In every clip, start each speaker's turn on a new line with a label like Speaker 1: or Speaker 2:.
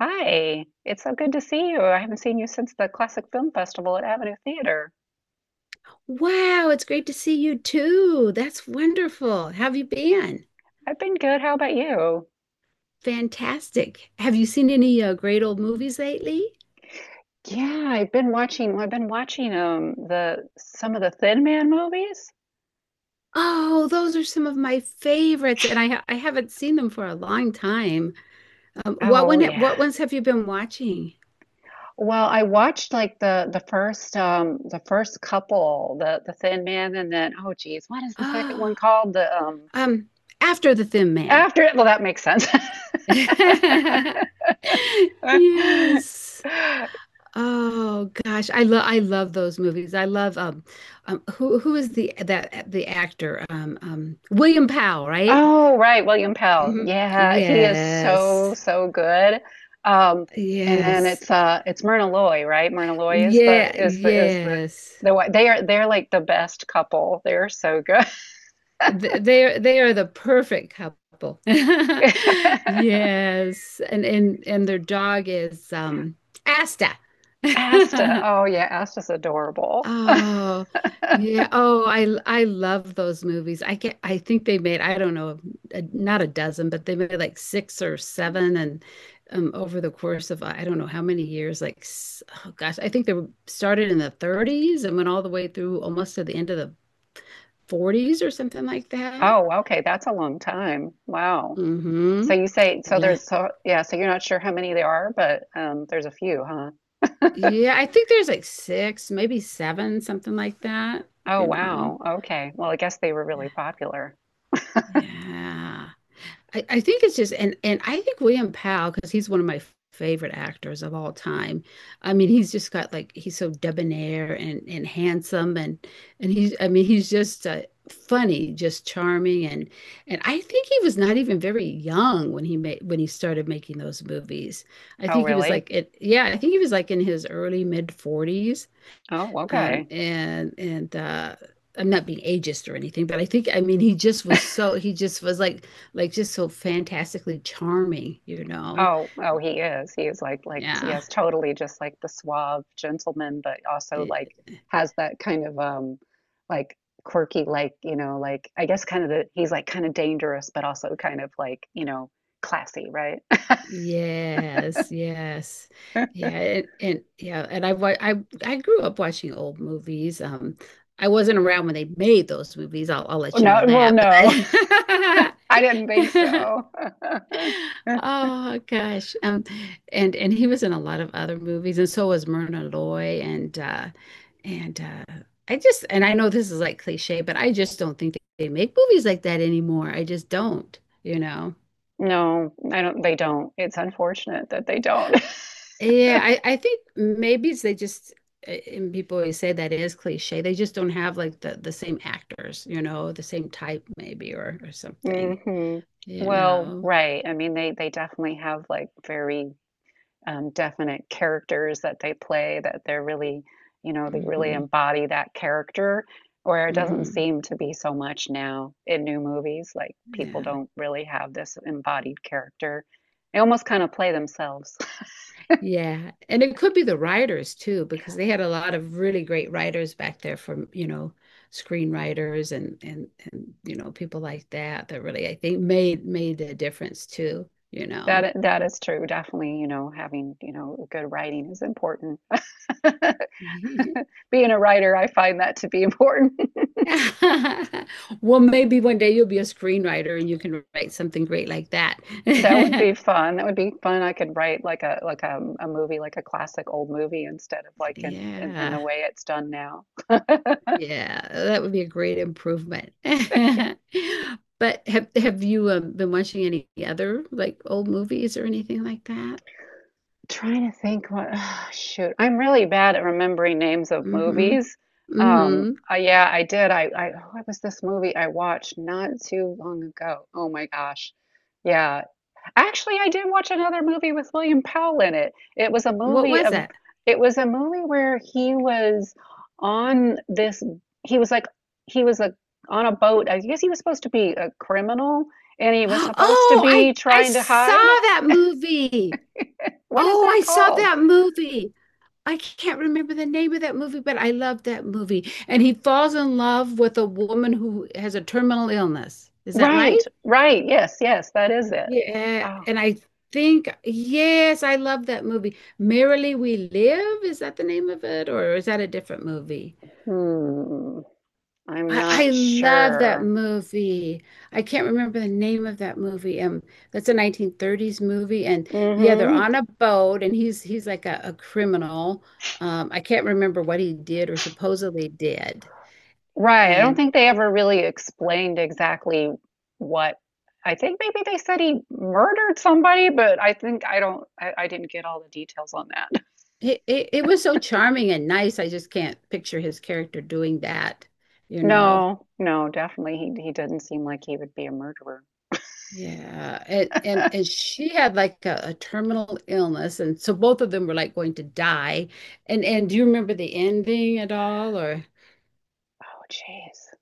Speaker 1: Hi, it's so good to see you. I haven't seen you since the Classic Film Festival at Avenue Theater.
Speaker 2: Wow, it's great to see you too. That's wonderful. How have you been?
Speaker 1: I've been good. How about you?
Speaker 2: Fantastic. Have you seen any great old movies lately?
Speaker 1: Yeah, I've been watching, well, I've been watching the some of the Thin Man movies.
Speaker 2: Oh, those are some of my favorites, and I haven't seen them for a long time.
Speaker 1: Oh yeah.
Speaker 2: What ones have you been watching?
Speaker 1: Well, I watched like the first the first couple, the Thin Man and then oh geez, what is the second one
Speaker 2: Oh,
Speaker 1: called? The
Speaker 2: um, After the Thin Man.
Speaker 1: After it, well that makes sense.
Speaker 2: Yes. Oh gosh, I love those movies. I love who is the actor, William Powell, right?
Speaker 1: Oh, right, William Pell.
Speaker 2: Hmm.
Speaker 1: Yeah, he is so
Speaker 2: Yes,
Speaker 1: so good. Um, and then
Speaker 2: yes,
Speaker 1: it's Myrna Loy, right? Myrna Loy is the
Speaker 2: yeah,
Speaker 1: is the is the
Speaker 2: yes.
Speaker 1: they are they're like the best couple. They're so good.
Speaker 2: They are the perfect couple. Yes, and their dog is Asta.
Speaker 1: Asta. Oh yeah, Asta's adorable.
Speaker 2: Oh, yeah. Oh, I love those movies. I think they made, I don't know, not a dozen, but they made like six or seven and over the course of I don't know how many years, oh gosh, I think they were started in the 30s and went all the way through almost to the end of the 40s or something like that.
Speaker 1: Oh, okay, that's a long time. Wow.
Speaker 2: Mm-hmm.
Speaker 1: So you say so
Speaker 2: Yeah.
Speaker 1: there's so yeah, so you're not sure how many there are, but there's a few, huh?
Speaker 2: Yeah, I think there's like six, maybe seven, something like that,
Speaker 1: Oh,
Speaker 2: you know.
Speaker 1: wow. Okay. Well, I guess they were really popular.
Speaker 2: Yeah. I think it's just and I think William Powell, because he's one of my favorite actors of all time. I mean, he's just got like he's so debonair and handsome and he's, I mean, he's just funny, just charming and I think he was not even very young when he started making those movies. I
Speaker 1: Oh,
Speaker 2: think he was
Speaker 1: really?
Speaker 2: like it yeah, I think he was like in his early mid 40s.
Speaker 1: Oh, okay.
Speaker 2: And I'm not being ageist or anything, but I think, I mean, he just was like just so fantastically charming.
Speaker 1: Oh, oh, he is. He is like,
Speaker 2: Yeah.
Speaker 1: yes, totally, just like the suave gentleman, but also like
Speaker 2: It-
Speaker 1: has that kind of like quirky, like you know, like I guess kind of the he's like kind of dangerous, but also kind of like, you know, classy, right?
Speaker 2: Yes, yes. Yeah, and yeah, and I wa- I grew up watching old movies. I wasn't around when they made those movies. I'll let you
Speaker 1: No,
Speaker 2: know
Speaker 1: well,
Speaker 2: that.
Speaker 1: no, I didn't think
Speaker 2: But
Speaker 1: so.
Speaker 2: Oh gosh. And he was in a lot of other movies and so was Myrna Loy and uh and I know this is like cliche, but I just don't think they make movies like that anymore. I just don't.
Speaker 1: No, I don't. They don't. It's unfortunate that they don't.
Speaker 2: Yeah, I think maybe it's they just and people always say that is cliche. They just don't have like the same actors, the same type maybe or something,
Speaker 1: hmm
Speaker 2: you
Speaker 1: Well,
Speaker 2: know.
Speaker 1: right. I mean, they definitely have like very definite characters that they play that they're really, you know, they really
Speaker 2: Hmm.
Speaker 1: embody that character, where it doesn't
Speaker 2: Hmm.
Speaker 1: seem to be so much now in new movies. Like people
Speaker 2: Yeah.
Speaker 1: don't really have this embodied character, they almost kind of play themselves.
Speaker 2: Yeah. And it could be the writers too, because they had a lot of really great writers back there from, screenwriters and people like that that really I think made a difference too, you know.
Speaker 1: That that is true, definitely. You know, having, you know, good writing is important. Being a writer, I find that to be important.
Speaker 2: Well, maybe one day you'll be a screenwriter and you can write something great like that.
Speaker 1: That would be fun. That would be fun. I could write like a movie, like a classic old movie, instead of like in
Speaker 2: Yeah.
Speaker 1: the way it's done now.
Speaker 2: Yeah, that would be a great improvement. But have you been watching any other like old movies or anything like that?
Speaker 1: Trying to think what, shoot, I'm really bad at remembering names of
Speaker 2: Hmm.
Speaker 1: movies.
Speaker 2: Hmm.
Speaker 1: Yeah, I did. What was this movie I watched not too long ago? Oh my gosh. Yeah. Actually, I did watch another movie with William Powell in it. It was a
Speaker 2: What
Speaker 1: movie
Speaker 2: was
Speaker 1: of,
Speaker 2: it?
Speaker 1: It was a movie where he was on this, he was like, he was a, on a boat. I guess he was supposed to be a criminal and he was supposed to
Speaker 2: Oh, I
Speaker 1: be
Speaker 2: I
Speaker 1: trying to
Speaker 2: saw
Speaker 1: hide.
Speaker 2: that movie.
Speaker 1: What is
Speaker 2: Oh,
Speaker 1: that
Speaker 2: I saw
Speaker 1: called?
Speaker 2: that movie. I can't remember the name of that movie, but I loved that movie. And he falls in love with a woman who has a terminal illness. Is that right?
Speaker 1: Right, right. Yes, yes, that is it.
Speaker 2: Yeah.
Speaker 1: Oh,
Speaker 2: And I think, yes, I love that movie. Merrily We Live, is that the name of it? Or is that a different movie?
Speaker 1: hmm. I'm
Speaker 2: I
Speaker 1: not
Speaker 2: love that
Speaker 1: sure.
Speaker 2: movie. I can't remember the name of that movie. That's a 1930s movie, and yeah, they're
Speaker 1: hmm
Speaker 2: on a boat, and he's like a criminal. I can't remember what he did or supposedly did,
Speaker 1: Right. I don't
Speaker 2: and
Speaker 1: think they ever really explained exactly what. I think maybe they said he murdered somebody, but I don't. I didn't get all the details on that.
Speaker 2: it was so charming and nice. I just can't picture his character doing that, you know.
Speaker 1: No, no, definitely he did not seem like he would be a murderer.
Speaker 2: Yeah, and she had like a terminal illness, and so both of them were like going to die. And do you remember the ending at all, or?
Speaker 1: Oh, jeez.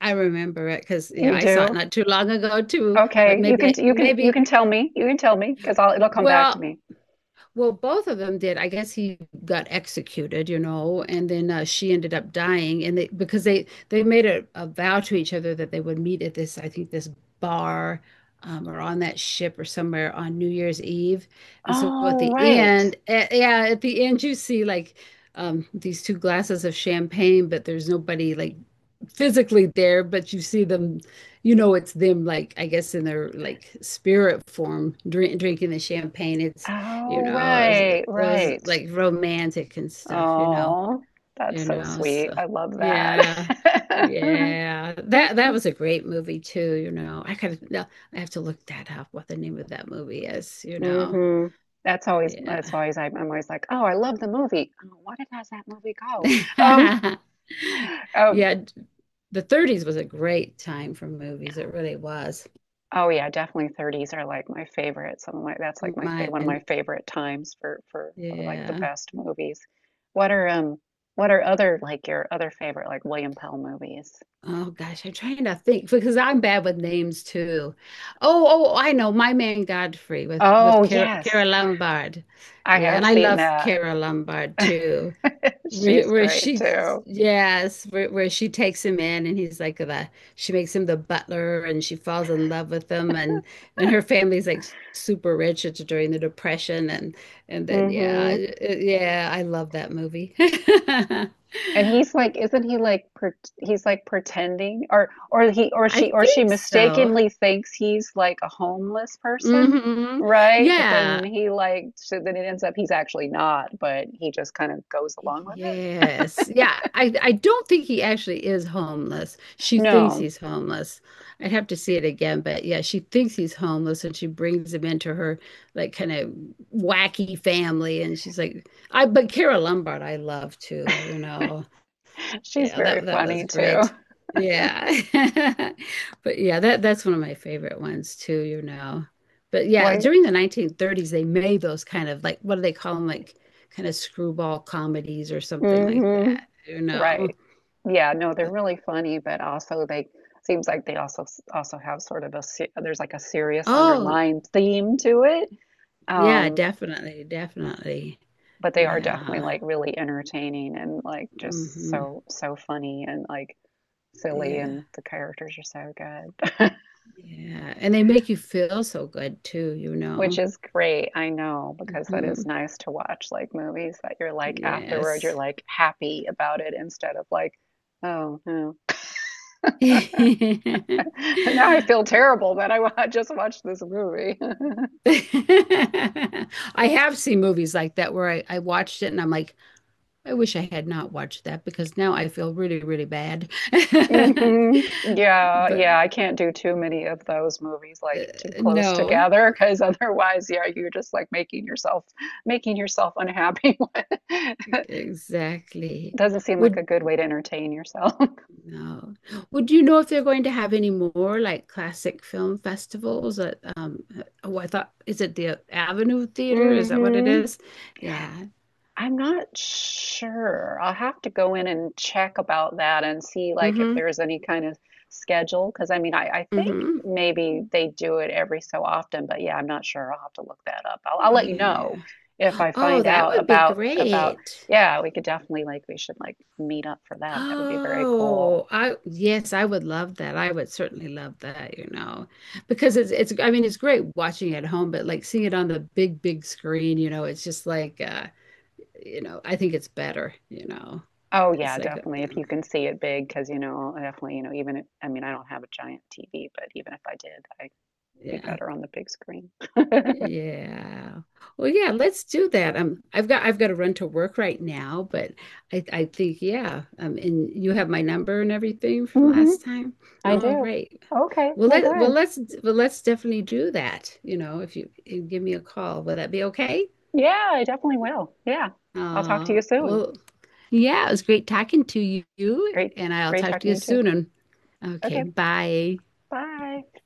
Speaker 2: I remember it because yeah,
Speaker 1: You
Speaker 2: I saw it
Speaker 1: do?
Speaker 2: not too long ago too. But
Speaker 1: Okay.
Speaker 2: maybe
Speaker 1: You
Speaker 2: maybe
Speaker 1: can tell me. You can tell me, because I'll— it'll come back to
Speaker 2: well,
Speaker 1: me.
Speaker 2: well, both of them did. I guess he got executed, and then she ended up dying, and they because they made a vow to each other that they would meet at this, I think, this bar. Or on that ship or somewhere on New Year's Eve. And so at
Speaker 1: Oh,
Speaker 2: the
Speaker 1: right.
Speaker 2: end, yeah, you see like these two glasses of champagne, but there's nobody like physically there, but you see them, it's them like I guess in their like spirit form, drinking the champagne.
Speaker 1: Oh,
Speaker 2: It was, it
Speaker 1: right,
Speaker 2: was
Speaker 1: right.
Speaker 2: like romantic and stuff, you know,
Speaker 1: Oh, that's
Speaker 2: you
Speaker 1: so
Speaker 2: know.
Speaker 1: sweet.
Speaker 2: So
Speaker 1: I love that.
Speaker 2: yeah, yeah, that was a great movie too. I kind of no, I have to look that up, what the name of that movie is.
Speaker 1: hmm That's always—
Speaker 2: Yeah,
Speaker 1: that's always— I'm always like, oh, I love the movie. Oh, what it has that movie called? Um, um,
Speaker 2: yeah. The 30s was a great time for movies. It really was.
Speaker 1: oh yeah, definitely 30s are like my favorite. Some of my that's like my fa One of my
Speaker 2: Mine,
Speaker 1: favorite times for like the
Speaker 2: yeah.
Speaker 1: best movies. What are um what are other like your other favorite like William Pell movies?
Speaker 2: Oh gosh, I'm trying to think because I'm bad with names too. Oh, I know My Man Godfrey with
Speaker 1: Oh
Speaker 2: with Cara,
Speaker 1: yes,
Speaker 2: Cara Lombard.
Speaker 1: I
Speaker 2: Yeah,
Speaker 1: have
Speaker 2: and I
Speaker 1: seen
Speaker 2: love
Speaker 1: that.
Speaker 2: Cara Lombard too. Where,
Speaker 1: She's
Speaker 2: where
Speaker 1: great
Speaker 2: she,
Speaker 1: too.
Speaker 2: yes, where she takes him in, and he's like the she makes him the butler, and she falls in love with him, and her family's like super rich. It's during the Depression, and then yeah,
Speaker 1: Hmm
Speaker 2: yeah, I love that movie.
Speaker 1: And he's like, isn't he like— per he's like pretending, or— or he or
Speaker 2: I
Speaker 1: she
Speaker 2: think so.
Speaker 1: mistakenly thinks he's like a homeless person,
Speaker 2: Hmm.
Speaker 1: right? But then
Speaker 2: Yeah.
Speaker 1: he like, so then it ends up he's actually not, but he just kind of goes along with it.
Speaker 2: Yes. Yeah. I don't think he actually is homeless. She thinks
Speaker 1: No,
Speaker 2: he's homeless. I'd have to see it again, but yeah, she thinks he's homeless and she brings him into her like kind of wacky family, and she's like I but Kara Lombard I love too.
Speaker 1: she's
Speaker 2: Yeah,
Speaker 1: very
Speaker 2: that was
Speaker 1: funny too.
Speaker 2: great. Yeah. But yeah, that's one of my favorite ones too. But yeah,
Speaker 1: Like,
Speaker 2: during the 1930s they made those kind of, like, what do they call them, like kind of screwball comedies or something like
Speaker 1: hmm
Speaker 2: that.
Speaker 1: right. Yeah, no, they're
Speaker 2: But
Speaker 1: really funny, but also they— seems like they also s- also have sort of a se- there's like a serious
Speaker 2: oh,
Speaker 1: underlying theme to it.
Speaker 2: yeah,
Speaker 1: Um,
Speaker 2: definitely, definitely.
Speaker 1: but they are definitely
Speaker 2: Yeah.
Speaker 1: like really entertaining and like just
Speaker 2: Hmm.
Speaker 1: so so funny and like silly,
Speaker 2: Yeah.
Speaker 1: and the characters are so good.
Speaker 2: Yeah. And they make you feel so good too, you
Speaker 1: Which
Speaker 2: know.
Speaker 1: is great, I know, because that
Speaker 2: Hmm.
Speaker 1: is nice to watch like movies that you're like afterward you're
Speaker 2: Yes.
Speaker 1: like happy about it instead of like, oh no. Now I feel terrible that I wa- just watched this movie.
Speaker 2: I have seen movies like that where I watched it and I'm like, I wish I had not watched that because now I feel really, really bad.
Speaker 1: hmm Yeah,
Speaker 2: But
Speaker 1: yeah, I can't do too many of those movies
Speaker 2: uh,
Speaker 1: like too close
Speaker 2: no,
Speaker 1: together because otherwise, yeah, you're just like making yourself— making yourself unhappy.
Speaker 2: exactly.
Speaker 1: Doesn't seem like
Speaker 2: Would
Speaker 1: a good way to entertain yourself.
Speaker 2: no. Would you know if they're going to have any more like classic film festivals, that um oh, I thought is it the Avenue Theater? Is that what it
Speaker 1: hmm
Speaker 2: is? Yeah.
Speaker 1: I'm not sure. I'll have to go in and check about that and see like if
Speaker 2: Mm-hmm.
Speaker 1: there's any kind of schedule. Because I mean, I think
Speaker 2: Mm-hmm.
Speaker 1: maybe they do it every so often, but yeah, I'm not sure. I'll have to look that up. I'll let you
Speaker 2: Yeah.
Speaker 1: know if I
Speaker 2: Oh,
Speaker 1: find
Speaker 2: that
Speaker 1: out
Speaker 2: would be
Speaker 1: about about.
Speaker 2: great.
Speaker 1: Yeah, we could definitely like— we should like meet up for that. That would be very cool.
Speaker 2: Oh, I yes, I would love that. I would certainly love that, because it's, I mean, it's great watching at home, but like seeing it on the big, big screen, it's just like I think it's better.
Speaker 1: Oh
Speaker 2: It's
Speaker 1: yeah,
Speaker 2: like
Speaker 1: definitely. If you
Speaker 2: um,
Speaker 1: can see it big, because you know, definitely, you know, even if— I mean, I don't have a giant TV, but even if I did, I'd be
Speaker 2: yeah.
Speaker 1: better on the big screen.
Speaker 2: Yeah. Well, yeah, let's do that. I've got to run to work right now, but I think, yeah. And you have my number and everything from
Speaker 1: Mm-hmm.
Speaker 2: last time.
Speaker 1: I
Speaker 2: All
Speaker 1: do.
Speaker 2: right.
Speaker 1: Okay,
Speaker 2: Well,
Speaker 1: well,
Speaker 2: let well
Speaker 1: good.
Speaker 2: let's well let's definitely do that. If you give me a call, will that be okay?
Speaker 1: Yeah, I definitely will. Yeah, I'll talk to
Speaker 2: Uh,
Speaker 1: you soon.
Speaker 2: well, yeah, it was great talking to you,
Speaker 1: Great,
Speaker 2: and I'll
Speaker 1: great
Speaker 2: talk to you
Speaker 1: talking to you too.
Speaker 2: soon. Okay,
Speaker 1: Okay,
Speaker 2: bye.
Speaker 1: bye.